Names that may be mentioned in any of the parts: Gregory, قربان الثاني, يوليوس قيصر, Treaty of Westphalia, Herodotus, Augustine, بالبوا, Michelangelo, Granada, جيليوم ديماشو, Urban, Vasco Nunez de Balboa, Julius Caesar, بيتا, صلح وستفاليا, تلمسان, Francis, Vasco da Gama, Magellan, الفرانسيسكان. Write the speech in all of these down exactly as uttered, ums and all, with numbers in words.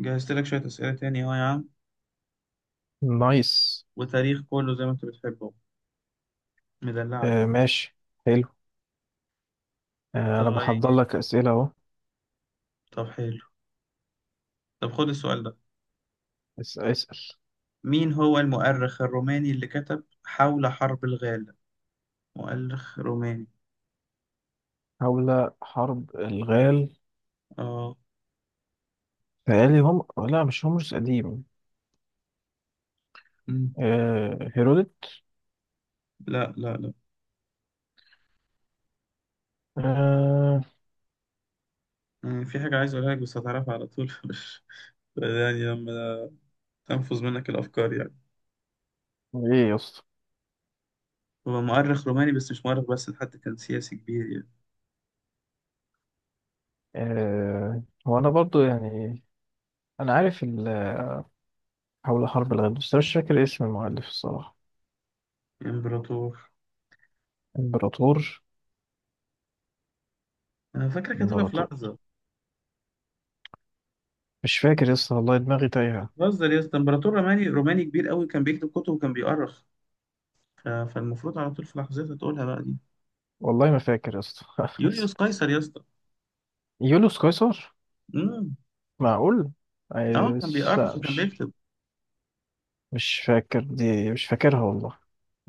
جهزت لك شوية أسئلة تاني أهو يا عم، نايس. وتاريخ كله زي ما أنت بتحبه. مدلعك آه، بقى. ماشي. حلو. آه، أنا بحضر طيب. لك أسئلة أهو. طب حلو. طب خد السؤال ده. اس- اسأل. مين هو المؤرخ الروماني اللي كتب حول حرب الغالة؟ مؤرخ روماني. حول حرب الغال. آه. تهيألي هم. لا، مش هومرس قديم. مم. آه، هيرودوت. لا لا لا. آه. مم. في حاجة عايز أقولها لك بس هتعرفها على طول مش يعني لما تنفذ منك الأفكار يعني. إيه يا اسطى؟ هو مؤرخ روماني بس مش مؤرخ بس، حتى كان سياسي كبير يعني. آه، هو أنا برضو يعني أنا عارف ال- حول حرب الغال، بس أنا مش فاكر اسم المؤلف الصراحة. إمبراطور. إمبراطور. أنا فاكرك هتقولها في إمبراطور. لحظة. مش فاكر يا اسطى، والله دماغي تايهة. بتهزر يا اسطى، إمبراطور روماني، روماني كبير أوي، كان بيكتب كتب وكان بيؤرخ. ف- فالمفروض على طول في لحظتها تقولها بقى دي. والله ما فاكر يا اسطى يوليوس قيصر يا اسطى. يوليوس قيصر. امم معقول؟ اه كان عايش- بيأرخ لا وكان مش. بيكتب. مش فاكر، دي مش فاكرها والله.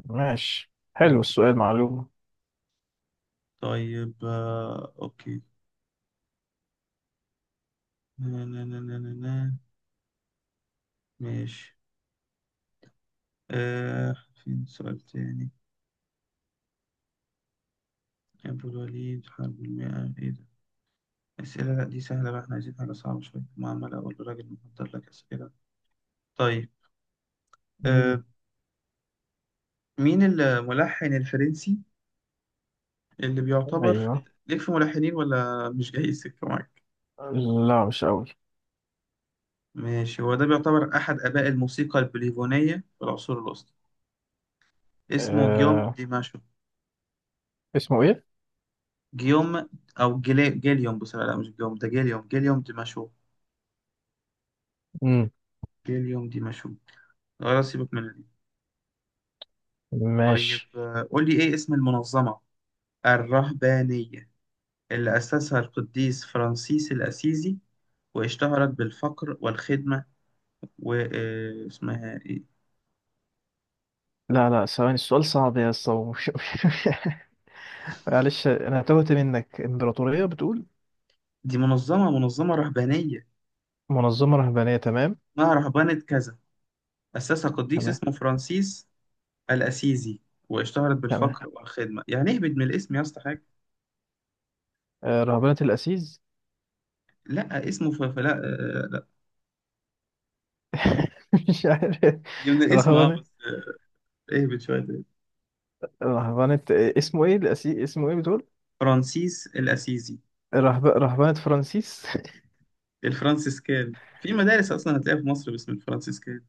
ماشي، حلو اوكي. السؤال، معلومة. طيب آه اوكي. نا نا نا نا نا نا. ماشي. آه فين سؤال تاني. أبو الوليد حرب المئة ايه ده. أسئلة، لا دي سهلة بقى، احنا عايزين حاجة صعبة شوية، ما عمال أقول للراجل محضر لك أسئلة. طيب مم. آه مين الملحن الفرنسي اللي بيعتبر؟ أيوة. ليك في ملحنين ولا مش جاي السكة؟ لا مش أوي. ماشي، هو ده بيعتبر أحد آباء الموسيقى البوليفونية في العصور الوسطى، اسمه جيوم أه... ديماشو. اسمه إيه؟ جيوم، أو جيلي... جيليوم بصراحة، لا مش جيوم ده، جيليوم، جيليوم ديماشو. مم. جيليوم ديماشو. خلاص سيبك من دي. طيب ماشي. آه، قول لي إيه اسم المنظمة الرهبانية اللي أسسها القديس فرانسيس الأسيزي واشتهرت بالفقر والخدمة، واسمها إيه؟ لا لا، ثواني، السؤال صعب يا اسطى مش- معلش، أنا تهت منك، إمبراطورية بتقول؟ دي منظمة، منظمة رهبانية، منظمة رهبانية، تمام. اسمها رهبانة كذا، أسسها قديس تمام. اسمه فرانسيس الأسيزي، واشتهرت تمام. بالفقر والخدمة، يعني اهبط من الاسم يا اسطى حاجة. أه... رهبنة الأسيز. لا اسمه ف... فلا آه، لا. مش عارف. هي من الاسم اه رهبنة. بس. آه، اهبط شوية تاني. رهبنة اسمه إيه الأسيز اسمه إيه بتقول؟ فرانسيس الأسيزي. رهب... رهبنة فرانسيس. الفرانسيسكان. في مدارس أصلا هتلاقيها في مصر باسم الفرانسيسكان.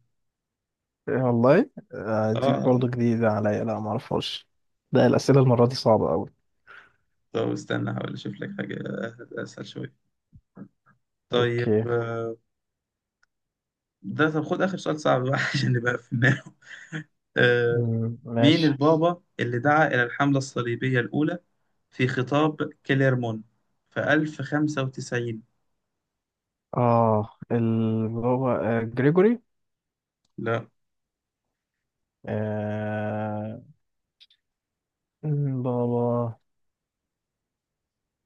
إيه والله. آه، اه دي آه، آه. برضه جديدة عليا، لا معرفهاش. لا، الأسئلة المرة دي صعبة أوي. طب استنى هحاول أشوف لك حاجة آه، أسهل شوية. طيب أوكي. آه، ده طب خد آخر سؤال صعب بقى عشان نبقى في النار. آه، مم، مين ماشي. البابا اللي دعا إلى الحملة الصليبية الأولى في خطاب كليرمون في ألف وخمسة وتسعين؟ آه، اللي هو آه، جريجوري. لا. آه. مم، بابا.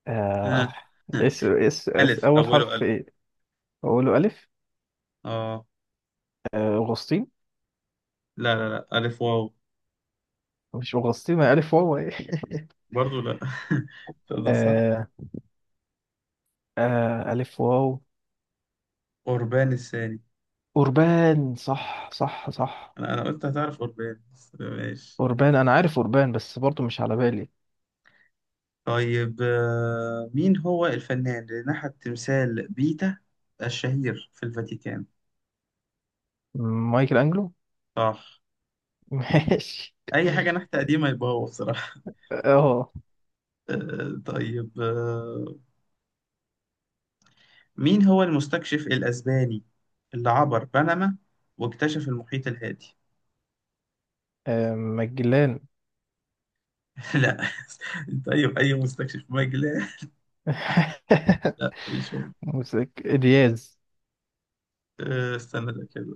آه. آه. اس اس اس ألف، أول أوله حرف ألف. إيه؟ أقوله ألف. آه. آه، أغسطين. لا لا لا، ألف واو. مش أغسطين؟ ما ألف واو إيه برضو لا تبدأ صح. آه. آه، ألف واو. قربان الثاني. أوربان، صح صح صح. أنا أنا قلت هتعرف قربان بس ماشي. أوربان، أنا عارف أوربان بس برضه مش على بالي. طيب آه، مين هو الفنان اللي نحت تمثال بيتا الشهير في الفاتيكان؟ مايكل أنجلو. صح. ماشي. أي حاجة نحت قديمة يبقى هو بصراحة اه. آه، طيب آه، مين هو المستكشف الأسباني اللي عبر بنما واكتشف المحيط الهادي؟ آه، مجلان. لا انت اي اي مستكشف مجلاه. لا مش هو. موسيك دياز. أه، استنى ده كده.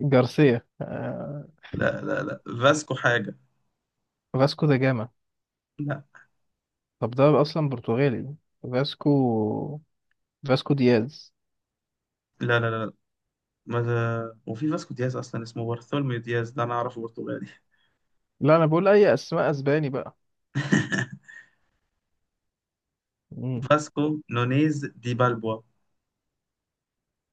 جارسيا. آه، لا لا لا، فاسكو حاجه. فاسكو دا جاما. لا طب ده اصلا برتغالي. فاسكو. فاسكو دياز. لا لا لا، ما ده وفي فاسكو دياز اصلا اسمه بارثولميو دياز ده، انا اعرفه برتغالي. لا انا بقول اي اسماء اسباني بقى. مم. فاسكو نونيز دي بالبوا.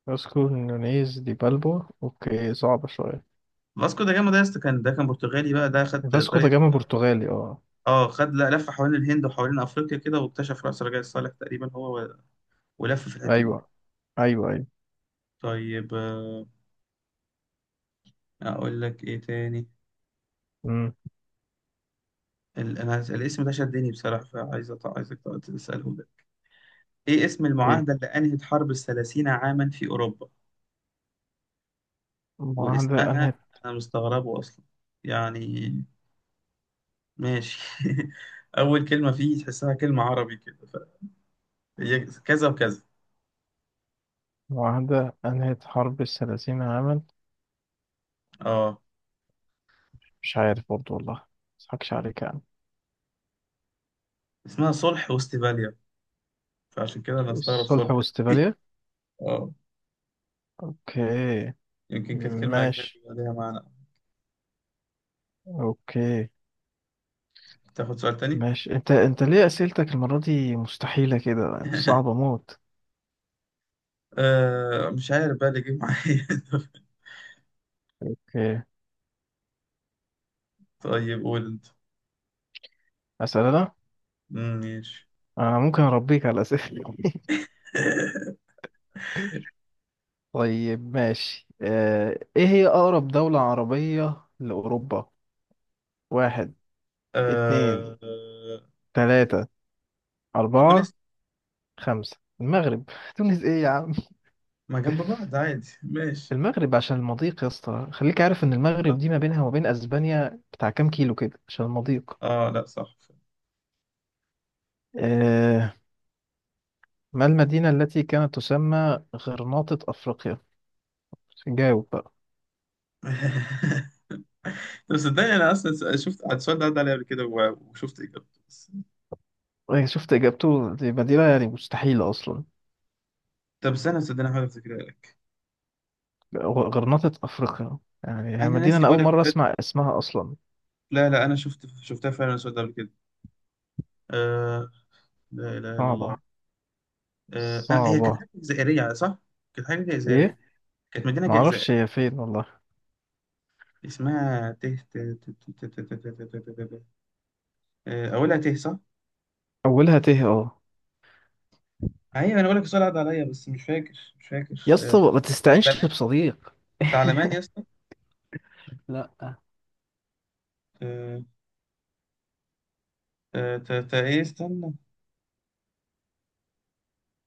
فاسكو نونيز دي بالبو، اوكي، صعبة شوية. فاسكو ده جاما ده يا اسطى، كان ده كان برتغالي بقى، ده خد فاسكو دا طريق، جاما برتغالي، اه. اه خد، لا لف حوالين الهند وحوالين افريقيا كده واكتشف راس رجاء الصالح تقريبا، هو و- ولف في الحته دي. ايوه. ايوه ايوه. طيب آه، اقول لك ايه تاني. مم. ال- انا الاسم ده شدني بصراحه، فعايز أط- عايزك تق- تساله ده، ايه اسم ايه؟ المعاهده اللي انهت حرب الثلاثين عاما في اوروبا معاهدة واسمها؟ انهت. انا مستغربه اصلا يعني، ماشي اول كلمه فيه تحسها كلمه عربي كده ف... هي كذا وكذا. معاهدة انهت حرب الثلاثين عاما. اه، مش عارف برضو والله، ما اضحكش عليك يعني. اسمها صلح وستفاليا، فعشان كده انا استغرب صلح صلح. واستفالية. اه، اوكي. يمكن كانت كلمه اجنبي ماشي. يبقى ليها معنى. اوكي. تاخد سؤال تاني؟ ماشي. انت انت ليه اسئلتك المرة دي مستحيلة كده، صعبة موت. آه مش عارف بقى اللي جه معايا اوكي. طيب قول انت. اسأل انا. مم، ماشي. انا ممكن اربيك على اسئلة. طيب، ماشي. آه، ايه هي اقرب دولة عربية لاوروبا؟ واحد، اتنين، آه... تلاتة، اربعة، تونس. خمسة. المغرب. تونس ايه يا عم؟ ما جنب بعض عادي ماشي. المغرب عشان المضيق يا اسطى، خليك عارف ان المغرب صح. دي ما بينها وما بين اسبانيا بتاع كام كيلو كده، عشان المضيق. اه، لا صح. آه. ما المدينة التي كانت تسمى غرناطة افريقيا؟ جاوب بقى. طب صدقني انا اصلا شفت السؤال ده عدى عليا قبل كده و- وشفت اجابته، بس إيه، شفت اجابته؟ دي مدينة يعني مستحيلة اصلا. طب استنى صدقني هحاول افتكرها لك. غ- غرناطة افريقيا، يعني هي انا مدينة ناسي انا بقول اول لك مرة بجد. اسمع اسمها اصلا. لا لا انا شفت، شفتها فعلا السؤال ده قبل كده. آه... لا اله الا الله. صعبة. آه... آه، هي كانت صعبة، حاجه جزائريه صح؟ كانت حاجه جزائريه، ايه. كانت مدينه جزائر، معرفش هي فين والله. اسمها ته ت- ت- ت- ت- ت- ت- ت- ت- ت- ت- ت- آه، اولها ته صح؟ اولها ت، اه. ايوه انا بقول لك السؤال عدى عليا بس مش فاكر، مش فاكر. يا اسطى ما تستعنش تعلمان. بصديق؟ تعلمان يا اسطى. لا. ت- ت- ت- ت- ايه استنى،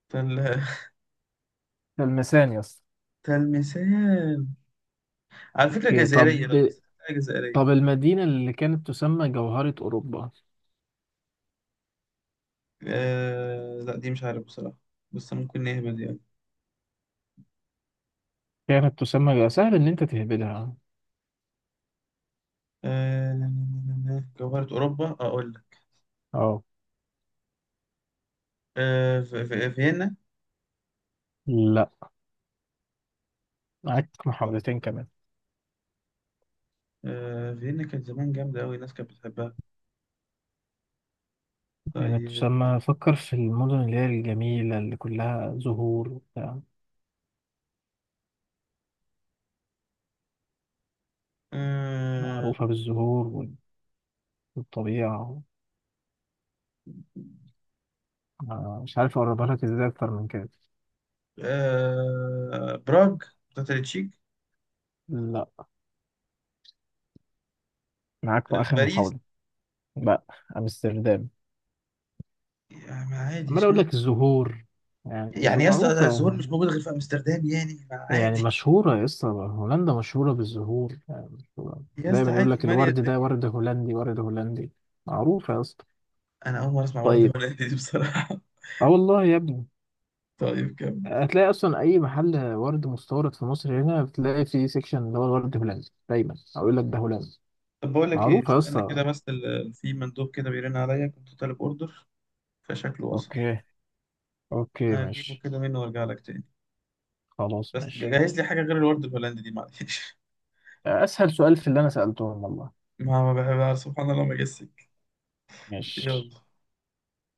تل... المسان يا اسطى. تلمسان. على فكرة اوكي، جزائرية طب. لو بس، حاجة جزائرية. طب المدينة اللي كانت تسمى جوهرة أوروبا؟ آه... لا دي مش عارف بصراحة، بس ممكن نهبد يعني. كانت تسمى جو- سهل إن أنت تهبدها. آه... جوهرة أوروبا أقول لك. أه. آه... في... في... فيينا. لا، معاك محاولتين كمان. آه... فيينا كانت زمان جامدة أوي، الناس كانت بتحبها. كانت طيب. تسمى، فكر في المدن اللي هي الجميلة، اللي كلها زهور وبتاع، آه... معروفة بالزهور وال- والطبيعة. آه، مش عارف أقربها لك إزاي أكتر من كده. آه... براغ، بتاعت التشيك. لا، معاك بقى آه... آخر باريس. محاولة. لا. أمستردام. يعني عادي عمال أقول اشمعنى. لك الزهور يعني، يعني الزهور يا اسطى، ده معروفة الزهور مش موجود غير في امستردام يعني؟ ما يعني، عادي. مشهورة يا اسطى. هولندا مشهورة بالزهور يعني، مشهورة. يا اسطى دايما يقول عادي لك ماليه الورد ده الدنيا. ورد هولندي، ورد هولندي. معروفة يا اسطى. انا اول مره اسمع ورده طيب. هولندي دي بصراحه. اه والله يا ابني، طيب كمل. هتلاقي اصلا اي محل ورد مستورد في مصر هنا بتلاقي فيه سيكشن اللي هو الورد هولندي دايما، او يقول لك ده هولندي. طب بقول لك ايه، معروفة يا استنى كده اسطى. بس، ال- في مندوب كده بيرن عليا، كنت طالب اوردر، فشكله وصل. اوكي. اوكي، هجيبه ماشي. كده منه وارجع لك تاني. خلاص، بس ماشي. جهز لي حاجه غير الورد الهولندي دي معلش. اسهل سؤال في اللي انا سألتهم والله. ما ما بحبها سبحان الله ما جسك. ماشي. يلا.